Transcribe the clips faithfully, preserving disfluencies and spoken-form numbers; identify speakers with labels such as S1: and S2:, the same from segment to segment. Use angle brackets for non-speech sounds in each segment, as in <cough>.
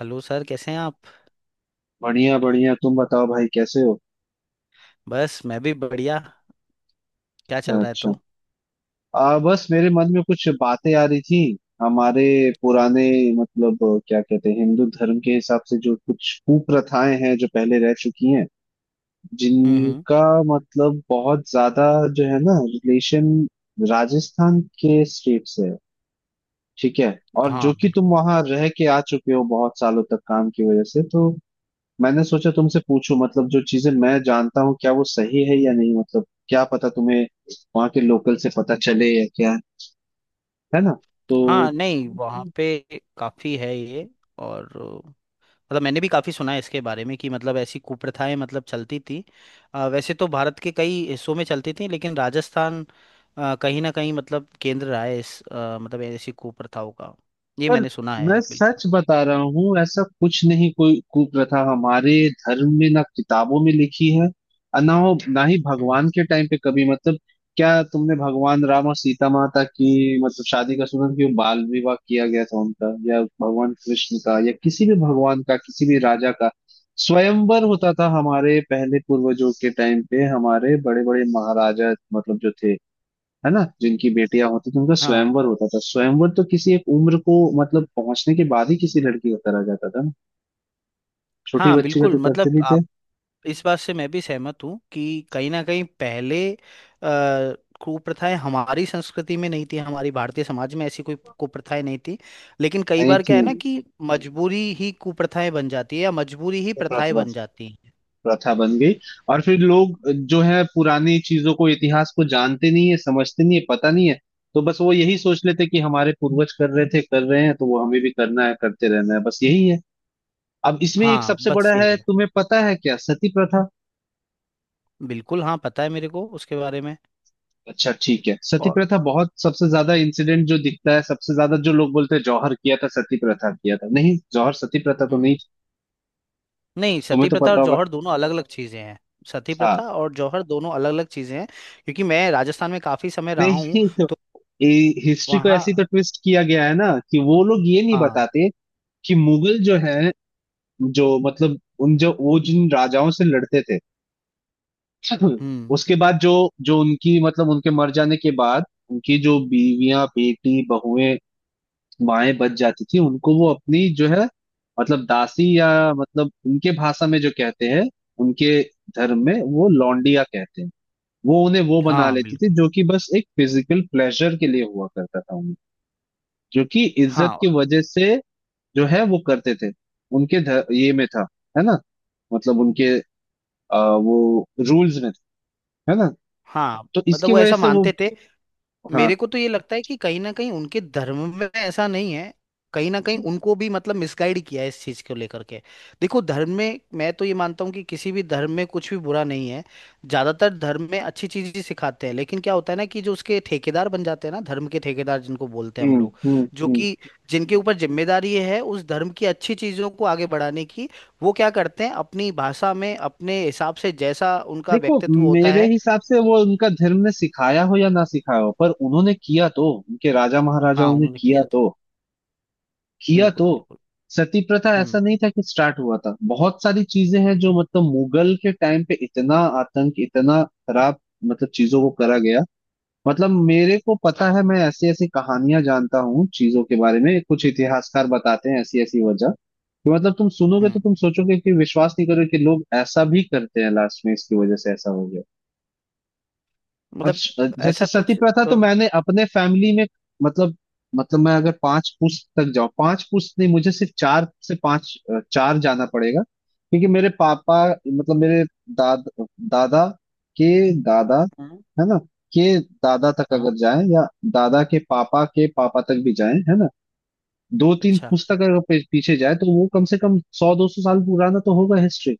S1: Hello sir कैसे हैं आप।
S2: बढ़िया बढ़िया तुम बताओ भाई कैसे हो।
S1: बस मैं भी बढ़िया। क्या
S2: अच्छा
S1: चल रहा है
S2: अच्छा।
S1: तो।
S2: आ, बस मेरे मन में कुछ बातें आ रही थी हमारे पुराने, मतलब क्या कहते हैं, हिंदू धर्म के हिसाब से जो कुछ कुप्रथाएं हैं जो पहले रह चुकी हैं,
S1: हम्म हम्म।
S2: जिनका मतलब बहुत ज्यादा, जो है ना, रिलेशन राजस्थान के स्टेट से है। ठीक है। और जो
S1: हाँ
S2: कि तुम
S1: बिल्कुल।
S2: वहां रह के आ चुके हो बहुत सालों तक काम की वजह से, तो मैंने सोचा तुमसे पूछूं, मतलब जो चीजें मैं जानता हूँ क्या वो सही है या नहीं, मतलब क्या पता तुम्हें वहां के लोकल से पता चले या क्या, है ना। तो
S1: हाँ नहीं वहाँ पे काफ़ी है ये। और अ, मतलब मैंने भी काफ़ी सुना है इसके बारे में कि मतलब ऐसी कुप्रथाएं मतलब चलती थी। अ, वैसे तो भारत के कई हिस्सों में चलती थी लेकिन राजस्थान अ, कहीं ना कहीं मतलब केंद्र रहा है इस अ, मतलब ऐसी कुप्रथाओं का। ये
S2: पर
S1: मैंने सुना
S2: मैं
S1: है बिल्कुल।
S2: सच बता रहा हूँ, ऐसा कुछ नहीं, कोई कुप्रथा हमारे धर्म में ना किताबों में लिखी है और ना हो, ना ही
S1: हम्म।
S2: भगवान के टाइम पे कभी, मतलब क्या तुमने भगवान राम और सीता माता की मतलब शादी का सुना कि वो बाल विवाह किया गया था उनका, या भगवान कृष्ण का, या किसी भी भगवान का, किसी भी राजा का? स्वयंवर होता था हमारे पहले पूर्वजों के टाइम पे, हमारे बड़े बड़े महाराजा, मतलब जो थे, है ना, जिनकी बेटियां होती थी उनका
S1: हाँ
S2: स्वयंवर होता था। स्वयंवर तो किसी एक उम्र को मतलब पहुंचने के बाद ही किसी लड़की का करा जाता था ना। छोटी
S1: हाँ
S2: बच्ची का
S1: बिल्कुल
S2: तो करते
S1: मतलब
S2: नहीं थे।
S1: आप इस बात से मैं भी सहमत हूँ कि कहीं ना कहीं पहले अ, कुप्रथाएं हमारी संस्कृति में नहीं थी हमारी भारतीय समाज में ऐसी कोई कुप्रथाएं नहीं थी। लेकिन कई
S2: नहीं
S1: बार क्या
S2: थी।
S1: है ना कि मजबूरी ही कुप्रथाएं बन जाती है या मजबूरी ही
S2: तो
S1: प्रथाएं
S2: प्रथा
S1: बन जाती हैं।
S2: प्रथा बन गई। और फिर लोग जो है पुरानी चीजों को, इतिहास को, जानते नहीं है, समझते नहीं है, पता नहीं है। तो बस वो यही सोच लेते कि हमारे पूर्वज कर रहे थे, कर रहे हैं, तो वो हमें भी करना है, करते रहना है, बस यही है। अब इसमें एक
S1: हाँ
S2: सबसे
S1: बस
S2: बड़ा
S1: यही
S2: है,
S1: है।
S2: तुम्हें पता है, क्या सती प्रथा?
S1: बिल्कुल हाँ पता है मेरे को उसके बारे में।
S2: अच्छा ठीक है। सती
S1: और।
S2: प्रथा बहुत, सबसे ज्यादा इंसिडेंट जो दिखता है, सबसे ज्यादा जो लोग बोलते हैं जौहर किया था, सती प्रथा किया था, नहीं जौहर, सती प्रथा तो नहीं।
S1: हम्म। नहीं
S2: तुम्हें
S1: सती
S2: तो
S1: प्रथा
S2: पता
S1: और
S2: होगा।
S1: जौहर दोनों अलग अलग चीजें हैं। सती प्रथा
S2: हाँ।
S1: और जौहर दोनों अलग अलग चीजें हैं। क्योंकि मैं राजस्थान में काफी समय रहा हूँ
S2: नहीं तो
S1: तो
S2: हिस्ट्री को
S1: वहाँ।
S2: ऐसे ही तो ट्विस्ट किया गया है ना कि वो लोग ये नहीं
S1: हाँ।
S2: बताते कि मुगल जो है, जो मतलब, उन जो वो जिन राजाओं से लड़ते थे <clears throat> <laughs>
S1: हम्म।
S2: उसके बाद जो जो उनकी, मतलब उनके मर जाने के बाद, उनकी जो बीवियां बेटी बहुएं माएं बच जाती थी, उनको वो अपनी जो है, मतलब दासी, या मतलब उनके भाषा में जो कहते हैं, उनके धर्म में वो लौंडिया कहते हैं, वो उन्हें वो बना
S1: हाँ
S2: लेती थी,
S1: बिल्कुल।
S2: जो कि बस एक फिजिकल प्लेजर के लिए हुआ करता था उन्हें, जो कि इज्जत
S1: हाँ
S2: की वजह से जो है वो करते थे। उनके ध- ये में था, है ना, मतलब उनके आ, वो रूल्स में था, है ना।
S1: हाँ।
S2: तो
S1: मतलब
S2: इसकी
S1: वो
S2: वजह
S1: ऐसा
S2: से वो।
S1: मानते थे। मेरे
S2: हाँ।
S1: को तो ये लगता है कि कहीं ना कहीं उनके धर्म में ऐसा नहीं है। कहीं ना कहीं उनको भी मतलब मिसगाइड किया है इस चीज को लेकर के। देखो धर्म में मैं तो ये मानता हूँ कि किसी भी धर्म में कुछ भी बुरा नहीं है। ज्यादातर धर्म में अच्छी चीज ही सिखाते हैं लेकिन क्या होता है ना कि जो उसके ठेकेदार बन जाते हैं ना धर्म के ठेकेदार जिनको बोलते हैं हम
S2: हम्म
S1: लोग
S2: हम्म
S1: जो
S2: हम्म।
S1: कि जिनके ऊपर जिम्मेदारी ये है उस धर्म की अच्छी चीजों को आगे बढ़ाने की वो क्या करते हैं अपनी भाषा में अपने हिसाब से जैसा उनका
S2: देखो,
S1: व्यक्तित्व होता
S2: मेरे
S1: है।
S2: हिसाब से वो, उनका धर्म ने सिखाया हो या ना सिखाया हो, पर उन्होंने किया तो, उनके राजा
S1: हाँ
S2: महाराजाओं ने
S1: उन्होंने
S2: किया
S1: किया था।
S2: तो, किया
S1: बिल्कुल
S2: तो।
S1: बिल्कुल।
S2: सती प्रथा ऐसा
S1: हम्म
S2: नहीं था कि स्टार्ट हुआ था, बहुत सारी चीजें हैं जो मतलब मुगल के टाइम पे, इतना आतंक, इतना खराब, मतलब चीजों को करा गया। मतलब मेरे को पता है, मैं ऐसी ऐसी कहानियां जानता हूँ चीजों के बारे में, कुछ इतिहासकार बताते हैं ऐसी ऐसी वजह कि मतलब तुम सुनोगे तो
S1: हम्म।
S2: तुम सोचोगे कि विश्वास नहीं करोगे कि लोग ऐसा भी करते हैं, लास्ट में इसकी वजह से ऐसा हो गया। अब
S1: मतलब
S2: श- जैसे
S1: ऐसा
S2: सती
S1: कुछ
S2: प्रथा तो
S1: अ,
S2: मैंने अपने फैमिली में, मतलब, मतलब मैं अगर पांच पुश्त तक जाऊं, पांच पुश्त नहीं, मुझे सिर्फ चार से पांच अ, चार जाना पड़ेगा क्योंकि मेरे पापा, मतलब मेरे दाद दादा के दादा,
S1: हम्म।
S2: है ना, के दादा तक
S1: हाँ।
S2: अगर जाए, या दादा के पापा के पापा तक भी जाए, है ना, दो तीन
S1: अच्छा।
S2: पुस्तक अगर पे- पीछे जाए तो वो कम से कम सौ दो सौ साल पुराना तो होगा, हिस्ट्री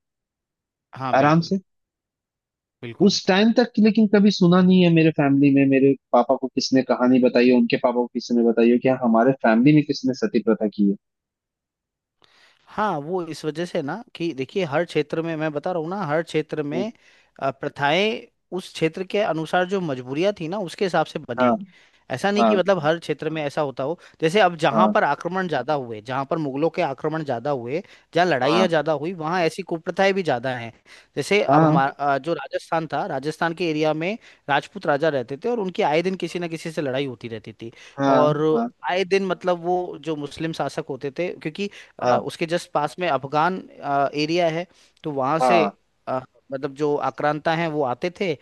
S1: हाँ
S2: आराम
S1: बिल्कुल। बिल्कुल।
S2: उस टाइम तक। लेकिन कभी सुना नहीं है मेरे फैमिली में, मेरे पापा को किसने कहानी बताई है, उनके पापा को किसने बताई है कि हाँ, हमारे फैमिली में किसने सती प्रथा की है।
S1: हाँ वो इस वजह से ना कि देखिए हर क्षेत्र में मैं बता रहा हूँ ना हर क्षेत्र
S2: हम्म,
S1: में अ, प्रथाएं उस क्षेत्र के अनुसार जो मजबूरियां थी ना उसके हिसाब से
S2: हाँ
S1: बनी। ऐसा नहीं
S2: हाँ
S1: कि मतलब हर क्षेत्र में ऐसा होता हो जैसे अब जहां
S2: हाँ
S1: पर आक्रमण ज्यादा हुए जहां पर मुगलों के आक्रमण ज्यादा हुए जहां लड़ाइयाँ
S2: हाँ
S1: ज्यादा हुई वहां ऐसी कुप्रथाएं भी ज्यादा हैं। जैसे अब
S2: हाँ
S1: हमारा जो राजस्थान था राजस्थान के एरिया में राजपूत राजा रहते थे और उनकी आए दिन किसी ना किसी से लड़ाई होती रहती थी।
S2: हाँ
S1: और
S2: हाँ
S1: आए दिन मतलब वो जो मुस्लिम शासक होते थे क्योंकि अ,
S2: हाँ
S1: उसके जस्ट पास में अफगान एरिया है। तो वहां से
S2: हाँ
S1: अ, मतलब जो आक्रांता हैं वो आते थे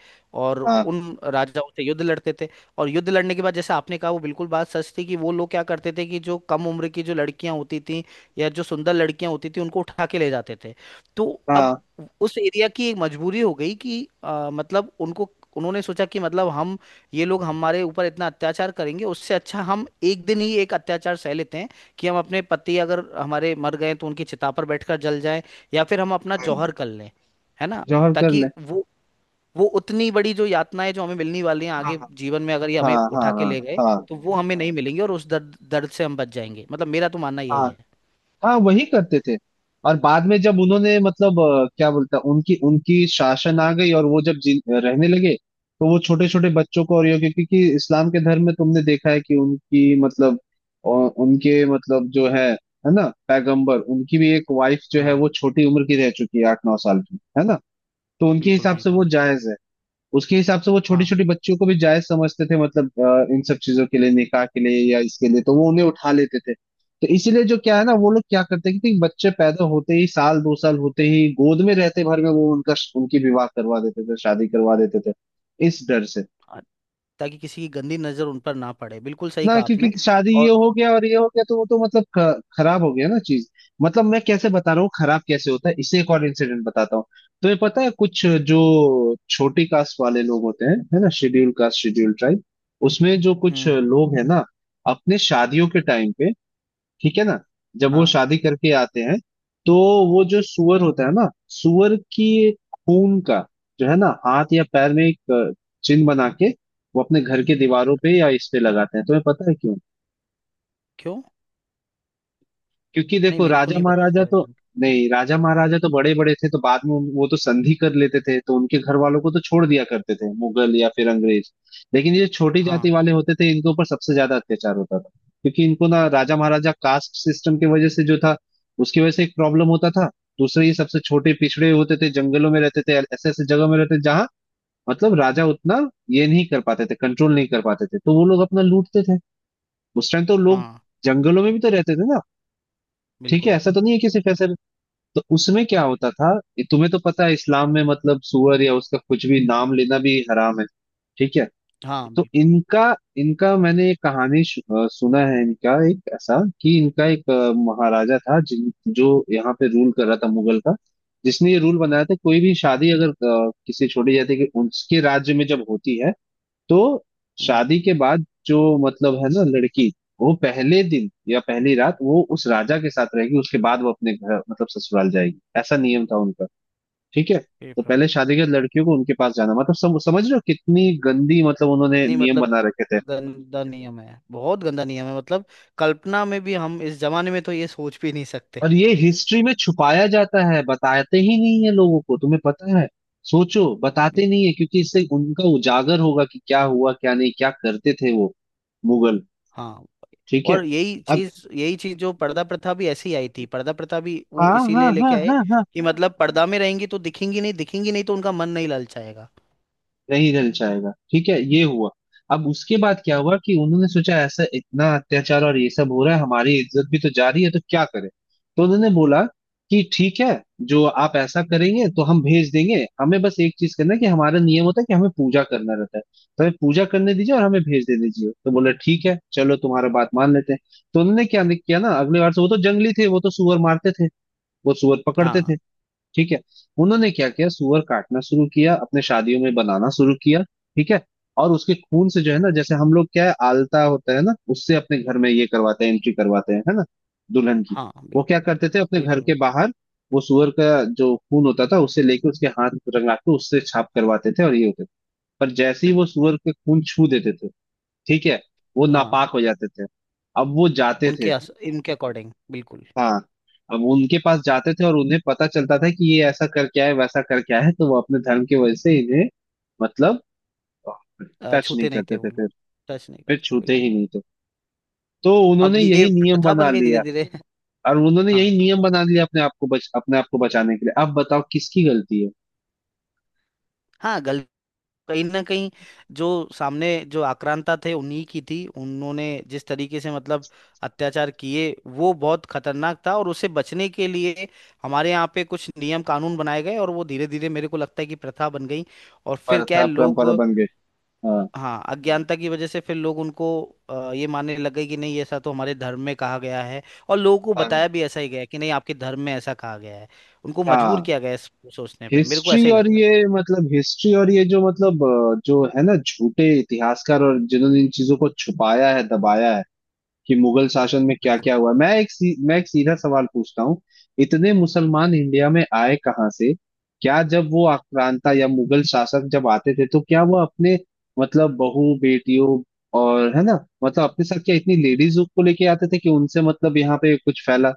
S1: और
S2: हाँ
S1: उन राजाओं से युद्ध लड़ते थे। और युद्ध लड़ने के बाद जैसे आपने कहा वो बिल्कुल बात सच थी कि वो लोग क्या करते थे कि जो कम उम्र की जो लड़कियां होती थी या जो सुंदर लड़कियां होती थी उनको उठा के ले जाते थे। तो अब
S2: हाँ
S1: उस एरिया की एक मजबूरी हो गई कि अ, मतलब उनको उन्होंने सोचा कि मतलब हम ये लोग हमारे ऊपर इतना अत्याचार करेंगे उससे अच्छा हम एक दिन ही एक अत्याचार सह लेते हैं कि हम अपने पति अगर हमारे मर गए तो उनकी चिता पर बैठकर जल जाएं या फिर हम अपना
S2: हाँ,
S1: जौहर कर लें है ना
S2: जौहर कर
S1: ताकि
S2: ले।
S1: वो वो उतनी बड़ी जो यातनाएं जो हमें मिलने वाली हैं
S2: हाँ
S1: आगे जीवन में अगर ये
S2: हाँ
S1: हमें
S2: हाँ
S1: उठा के ले गए
S2: हाँ
S1: तो वो हमें नहीं मिलेंगी और उस दर्द दर्द से हम बच जाएंगे मतलब मेरा तो मानना यही
S2: हाँ
S1: है।
S2: हाँ वही करते थे। और बाद में जब उन्होंने मतलब अ, क्या बोलता, उनकी उनकी शासन आ गई और वो जब जी, रहने लगे, तो वो छोटे छोटे बच्चों को, और ये क्योंकि क्योंकि इस्लाम के धर्म में तुमने देखा है कि उनकी मतलब अ, उनके मतलब जो है है ना, पैगंबर, उनकी भी एक वाइफ जो है
S1: हाँ
S2: वो छोटी उम्र की रह चुकी है, आठ नौ साल की, है ना। तो उनके
S1: बिल्कुल
S2: हिसाब से
S1: बिल्कुल।
S2: वो जायज है। उसके हिसाब से वो छोटी
S1: हाँ
S2: छोटी बच्चियों को भी जायज समझते थे, मतलब अ, इन सब चीजों के लिए, निकाह के लिए या इसके लिए, तो वो उन्हें उठा लेते थे। तो इसीलिए जो क्या है ना, वो लोग क्या करते हैं कि बच्चे पैदा होते ही, साल दो साल होते ही, गोद में रहते भर में वो उनका उनकी विवाह करवा देते थे, शादी करवा देते थे, इस डर से
S1: हाँ, ताकि किसी की गंदी नजर उन पर ना पड़े बिल्कुल सही
S2: ना,
S1: कहा
S2: क्योंकि
S1: आपने।
S2: शादी ये
S1: और
S2: हो गया और ये हो गया तो वो तो मतलब ख- खराब हो गया ना चीज। मतलब मैं कैसे बता रहा हूँ खराब कैसे होता है, इससे एक और इंसिडेंट बताता हूँ। तो ये पता है कुछ जो छोटी कास्ट वाले लोग होते हैं, है ना, शेड्यूल कास्ट, शेड्यूल ट्राइब, उसमें जो कुछ
S1: हम्म हम्म।
S2: लोग हैं ना, अपने शादियों के टाइम पे, ठीक है ना, जब वो
S1: हाँ।
S2: शादी करके आते हैं तो वो जो सुअर होता है ना, सुअर की खून का जो है ना, हाथ या पैर में एक अ, चिन्ह बना के वो अपने घर के दीवारों पे या इस पे लगाते हैं, तुम्हें पता है?
S1: क्यों।
S2: क्योंकि
S1: नहीं
S2: देखो
S1: मेरे को
S2: राजा
S1: नहीं पता
S2: महाराजा
S1: इसका
S2: तो,
S1: रीजन।
S2: नहीं, राजा महाराजा तो बड़े बड़े थे, तो बाद में उन- वो तो संधि कर लेते थे तो उनके घर वालों को तो छोड़ दिया करते थे मुगल या फिर अंग्रेज, लेकिन ये छोटी जाति
S1: हाँ
S2: वाले होते थे, इनके ऊपर सबसे ज्यादा अत्याचार होता था, क्योंकि इनको ना, राजा महाराजा कास्ट सिस्टम की वजह से जो था, उसकी वजह से एक प्रॉब्लम होता था। दूसरे ये सबसे छोटे पिछड़े होते थे, जंगलों में रहते थे, ऐसे ऐसे जगह में रहते थे जहाँ मतलब राजा उतना ये नहीं कर पाते थे, कंट्रोल नहीं कर पाते थे, तो वो लोग अपना लूटते थे। उस टाइम तो लोग
S1: हाँ
S2: जंगलों में भी तो रहते थे ना, ठीक है,
S1: बिल्कुल।
S2: ऐसा तो नहीं है कि सिर्फ ऐसे। तो उसमें क्या होता था, ये तुम्हें तो पता है, इस्लाम में मतलब सूअर या उसका कुछ भी नाम लेना भी हराम है, ठीक है।
S1: हाँ
S2: तो
S1: बिल्कुल।
S2: इनका, इनका मैंने एक कहानी शु- अ, सुना है, इनका एक ऐसा कि इनका एक अ, महाराजा था, जिन जो यहाँ पे रूल कर रहा था मुगल का, जिसने ये रूल बनाया था कोई भी शादी अगर अ, किसी छोड़ी जाती है कि उसके राज्य में जब होती है, तो
S1: हम्म।
S2: शादी के बाद जो मतलब, है ना, लड़की, वो पहले दिन या पहली रात वो उस राजा के साथ रहेगी, उसके बाद वो अपने घर, मतलब ससुराल जाएगी, ऐसा नियम था उनका, ठीक है।
S1: हे
S2: तो
S1: प्रभु।
S2: पहले शादी के बाद लड़कियों को उनके पास जाना, मतलब सम, समझ रहे हो कितनी गंदी, मतलब उन्होंने
S1: इतनी
S2: नियम
S1: मतलब
S2: बना रखे थे।
S1: गंदा नियम है बहुत गंदा नियम है मतलब कल्पना में भी हम इस जमाने में तो ये सोच भी नहीं सकते।
S2: और ये हिस्ट्री में छुपाया जाता है, बताते ही नहीं है लोगों को, तुम्हें पता है, सोचो बताते नहीं
S1: बिल-
S2: है, क्योंकि इससे उनका उजागर होगा कि क्या हुआ क्या नहीं, क्या करते थे वो मुगल,
S1: हाँ।
S2: ठीक
S1: और
S2: है।
S1: यही
S2: अब।
S1: चीज यही चीज जो पर्दा प्रथा भी ऐसे ही आई थी पर्दा प्रथा भी वो
S2: हाँ हाँ
S1: इसीलिए
S2: हाँ
S1: लेके आए
S2: हाँ हाँ।
S1: कि मतलब पर्दा में रहेंगी तो दिखेंगी नहीं। दिखेंगी नहीं तो उनका मन नहीं ललचाएगा।
S2: नहीं रह जाएगा, ठीक है, ये हुआ। अब उसके बाद क्या हुआ कि उन्होंने सोचा ऐसा इतना अत्याचार और ये सब हो रहा है, हमारी इज्जत भी तो जा रही है, तो क्या करें। तो उन्होंने बोला कि ठीक है, जो आप ऐसा करेंगे तो हम भेज देंगे, हमें बस एक चीज करना है कि हमारा नियम होता है कि हमें पूजा करना रहता है, तो हमें पूजा करने दीजिए और हमें भेज दे दीजिए। तो बोला ठीक है चलो तुम्हारा बात मान लेते हैं। तो उन्होंने क्या किया ना, अगले बार से वो तो जंगली थे, वो तो सुअर मारते थे, वो सुअर पकड़ते
S1: हाँ
S2: थे, ठीक है। उन्होंने क्या किया, सुअर काटना शुरू किया, अपने शादियों में बनाना शुरू किया, ठीक है। और उसके खून से जो है ना, जैसे हम लोग क्या है आलता होता है ना, उससे अपने घर में ये करवाते हैं, एंट्री करवाते हैं, है ना, दुल्हन की,
S1: हाँ
S2: वो क्या
S1: बिल्कुल
S2: करते थे अपने घर
S1: बिल्कुल
S2: के
S1: बिल्कुल।
S2: बाहर, वो सुअर का जो खून होता था उसे लेके उसके हाथ रंगा के उससे छाप करवाते थे और ये होते थे। पर जैसे ही वो सुअर के खून छू देते थे, ठीक है, वो
S1: हाँ
S2: नापाक हो जाते थे। अब वो जाते
S1: उनके
S2: थे।
S1: अस, इनके अकॉर्डिंग बिल्कुल।
S2: हाँ। अब उनके पास जाते थे और उन्हें पता चलता था कि ये ऐसा करके आए, वैसा करके आए, तो वो अपने धर्म की वजह से इन्हें मतलब
S1: अ,
S2: टच नहीं
S1: छूते नहीं
S2: करते
S1: थे
S2: थे
S1: वो लोग।
S2: फिर
S1: टच नहीं
S2: फिर
S1: करते थे
S2: छूते
S1: बिल्कुल।
S2: ही नहीं थे। तो
S1: अब
S2: उन्होंने
S1: ये
S2: यही नियम
S1: प्रथा
S2: बना
S1: बन गई धीरे
S2: लिया।
S1: धीरे
S2: और उन्होंने
S1: <laughs>
S2: यही
S1: हाँ
S2: नियम बना लिया, अपने आप को बच अपने आप को बचाने के लिए। अब बताओ किसकी गलती है।
S1: हाँ कहीं ना कहीं जो सामने जो आक्रांता थे उन्हीं की थी उन्होंने जिस तरीके से मतलब अत्याचार किए वो बहुत खतरनाक था और उसे बचने के लिए हमारे यहाँ पे कुछ नियम कानून बनाए गए और वो धीरे धीरे मेरे को लगता है कि प्रथा बन गई। और फिर क्या है
S2: प्रथा
S1: लोग।
S2: परंपरा बन गई। हाँ
S1: हाँ अज्ञानता की वजह से फिर लोग उनको अ, ये मानने लग गए कि नहीं ऐसा तो हमारे धर्म में कहा गया है। और लोगों को
S2: हाँ
S1: बताया भी ऐसा ही गया है कि नहीं आपके धर्म में ऐसा कहा गया है। उनको मजबूर
S2: हाँ।
S1: किया गया है इस- सोचने पे मेरे को
S2: हिस्ट्री
S1: ऐसा ही
S2: और
S1: लगता है।
S2: ये, मतलब हिस्ट्री और ये जो, मतलब अ, जो है ना, झूठे इतिहासकार और जिन्होंने इन चीजों को छुपाया है, दबाया है, कि मुगल शासन में क्या क्या
S1: बिल्कुल।
S2: हुआ, मैं एक सी, मैं एक सीधा सवाल पूछता हूँ। इतने मुसलमान इंडिया में आए कहाँ से? क्या जब वो आक्रांता या मुगल शासक जब आते थे, तो क्या वो अपने, मतलब बहू बेटियों और, है ना, मतलब अपने साथ क्या इतनी लेडीज को लेके आते थे कि उनसे मतलब यहाँ पे कुछ फैला,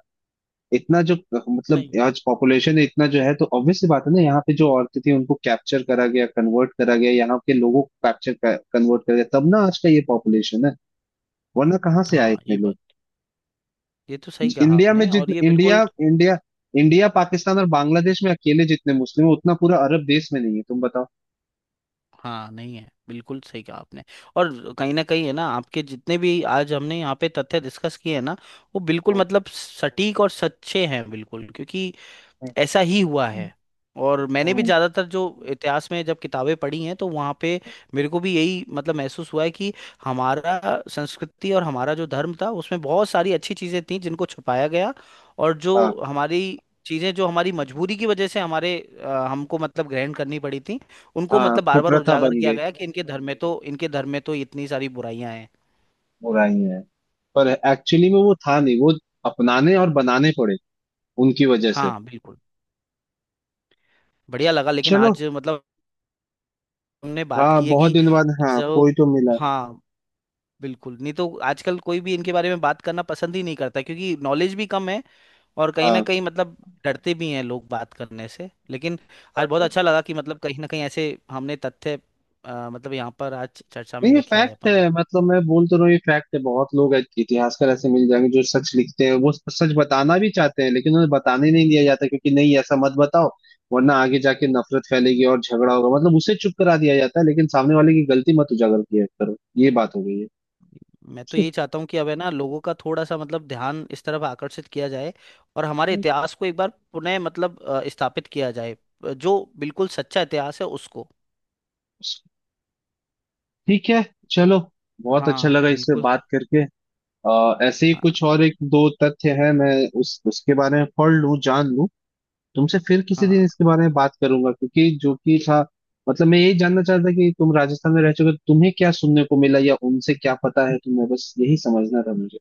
S2: इतना जो, मतलब
S1: नहीं।
S2: आज पॉपुलेशन है इतना जो है, तो ऑब्वियस सी बात है ना, यहाँ पे जो औरतें थी उनको कैप्चर करा गया, कन्वर्ट करा गया, यहाँ के लोगों को कैप्चर, कन्वर्ट करा गया, तब ना आज का ये पॉपुलेशन है। वरना कहाँ से आए
S1: हाँ
S2: इतने
S1: ये
S2: लोग।
S1: बात। ये तो सही कहा
S2: इंडिया में
S1: आपने और ये
S2: जितने इंडिया
S1: बिल्कुल।
S2: इंडिया इंडिया पाकिस्तान और बांग्लादेश में अकेले जितने मुस्लिम हैं उतना पूरा अरब देश में नहीं है, तुम बताओ।
S1: हाँ नहीं है बिल्कुल सही कहा आपने। और कहीं ना कहीं है ना आपके जितने भी आज हमने यहाँ पे तथ्य डिस्कस किए हैं ना वो बिल्कुल
S2: हम्म,
S1: मतलब सटीक और सच्चे हैं बिल्कुल क्योंकि ऐसा ही हुआ
S2: हम्म,
S1: है। और मैंने भी
S2: हम्म,
S1: ज़्यादातर जो इतिहास में जब किताबें पढ़ी हैं तो वहाँ पे
S2: हम्म।
S1: मेरे को भी यही मतलब महसूस हुआ है कि हमारा संस्कृति और हमारा जो धर्म था उसमें बहुत सारी अच्छी चीज़ें थी जिनको छुपाया गया। और जो
S2: हाँ
S1: हमारी चीज़ें जो हमारी मजबूरी की वजह से हमारे अ, हमको मतलब ग्रहण करनी पड़ी थी उनको
S2: हाँ
S1: मतलब बार बार
S2: कुप्रथा
S1: उजागर
S2: बन
S1: किया
S2: गई,
S1: गया कि इनके धर्म में तो इनके धर्म में तो इतनी सारी बुराइयां हैं।
S2: बुराई है, पर एक्चुअली में वो था नहीं, वो अपनाने और बनाने पड़े उनकी वजह से।
S1: हाँ बिल्कुल। बढ़िया लगा लेकिन
S2: चलो।
S1: आज मतलब हमने बात
S2: हाँ
S1: की है
S2: बहुत
S1: कि
S2: दिन बाद, हाँ,
S1: जो।
S2: कोई तो मिला।
S1: हाँ बिल्कुल नहीं तो आजकल कोई भी इनके बारे में बात करना पसंद ही नहीं करता क्योंकि नॉलेज भी कम है। और कहीं ना
S2: हाँ।
S1: कहीं मतलब डरते भी हैं लोग बात करने से लेकिन आज बहुत
S2: बाकी।
S1: अच्छा लगा कि मतलब कहीं ना कहीं ऐसे हमने तथ्य अ, मतलब यहाँ पर आज चर्चा में
S2: नहीं, ये
S1: लेके आए
S2: फैक्ट
S1: अपन लोग।
S2: है, मतलब मैं बोल तो रहा हूँ ये फैक्ट है, बहुत लोग ऐ- इतिहासकार ऐसे मिल जाएंगे जो सच लिखते हैं, वो सच बताना भी चाहते हैं, लेकिन उन्हें बताने नहीं दिया जाता, क्योंकि नहीं ऐसा मत बताओ वरना आगे जाके नफरत फैलेगी और झगड़ा होगा, मतलब उसे चुप करा दिया जाता है, लेकिन सामने वाले की गलती मत उजागर किया करो। ये बात हो गई
S1: मैं तो
S2: है,
S1: यही चाहता हूँ कि अब है ना लोगों का थोड़ा सा मतलब ध्यान इस तरफ आकर्षित किया जाए और हमारे इतिहास को एक बार पुनः मतलब अ, स्थापित किया जाए। अ, जो बिल्कुल सच्चा इतिहास है उसको।
S2: ठीक है
S1: तो।
S2: चलो, बहुत अच्छा
S1: हाँ
S2: लगा इससे
S1: बिल्कुल।
S2: बात करके। आ, ऐसे ही
S1: हाँ
S2: कुछ और एक दो तथ्य है, मैं उस, उसके बारे में पढ़ लूं, जान लूं, तुमसे फिर किसी
S1: हाँ।
S2: दिन इसके बारे में बात करूंगा, क्योंकि जो कि था, मतलब मैं यही जानना चाहता था कि तुम राजस्थान में रह चुके हो, तो तुम्हें क्या सुनने को मिला या उनसे क्या पता है तुम्हें, बस यही समझना था मुझे।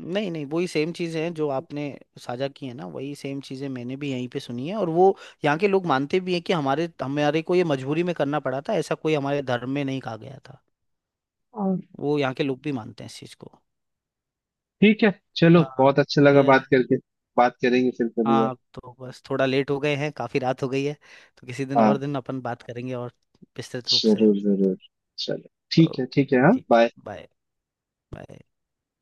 S1: नहीं नहीं वही सेम चीज़ें हैं जो आपने साझा की है ना वही सेम चीज़ें मैंने भी यहीं पे सुनी है। और वो यहाँ के लोग मानते भी हैं कि हमारे हमारे को ये मजबूरी में करना पड़ा था ऐसा कोई हमारे धर्म में नहीं कहा गया था।
S2: और
S1: वो यहाँ के लोग भी मानते हैं इस चीज़ को।
S2: ठीक है, चलो,
S1: हाँ।
S2: बहुत अच्छा लगा
S1: बढ़िया है।
S2: बात करके। बात करेंगे फिर कभी और।
S1: हाँ तो बस थोड़ा लेट हो गए हैं काफ़ी रात हो गई है। तो किसी दिन
S2: हाँ
S1: और दिन अपन बात करेंगे और विस्तृत रूप से।
S2: जरूर जरूर। चलो, ठीक है
S1: ओके।
S2: ठीक है, हाँ
S1: ठीक।
S2: बाय।
S1: बाय। बाय।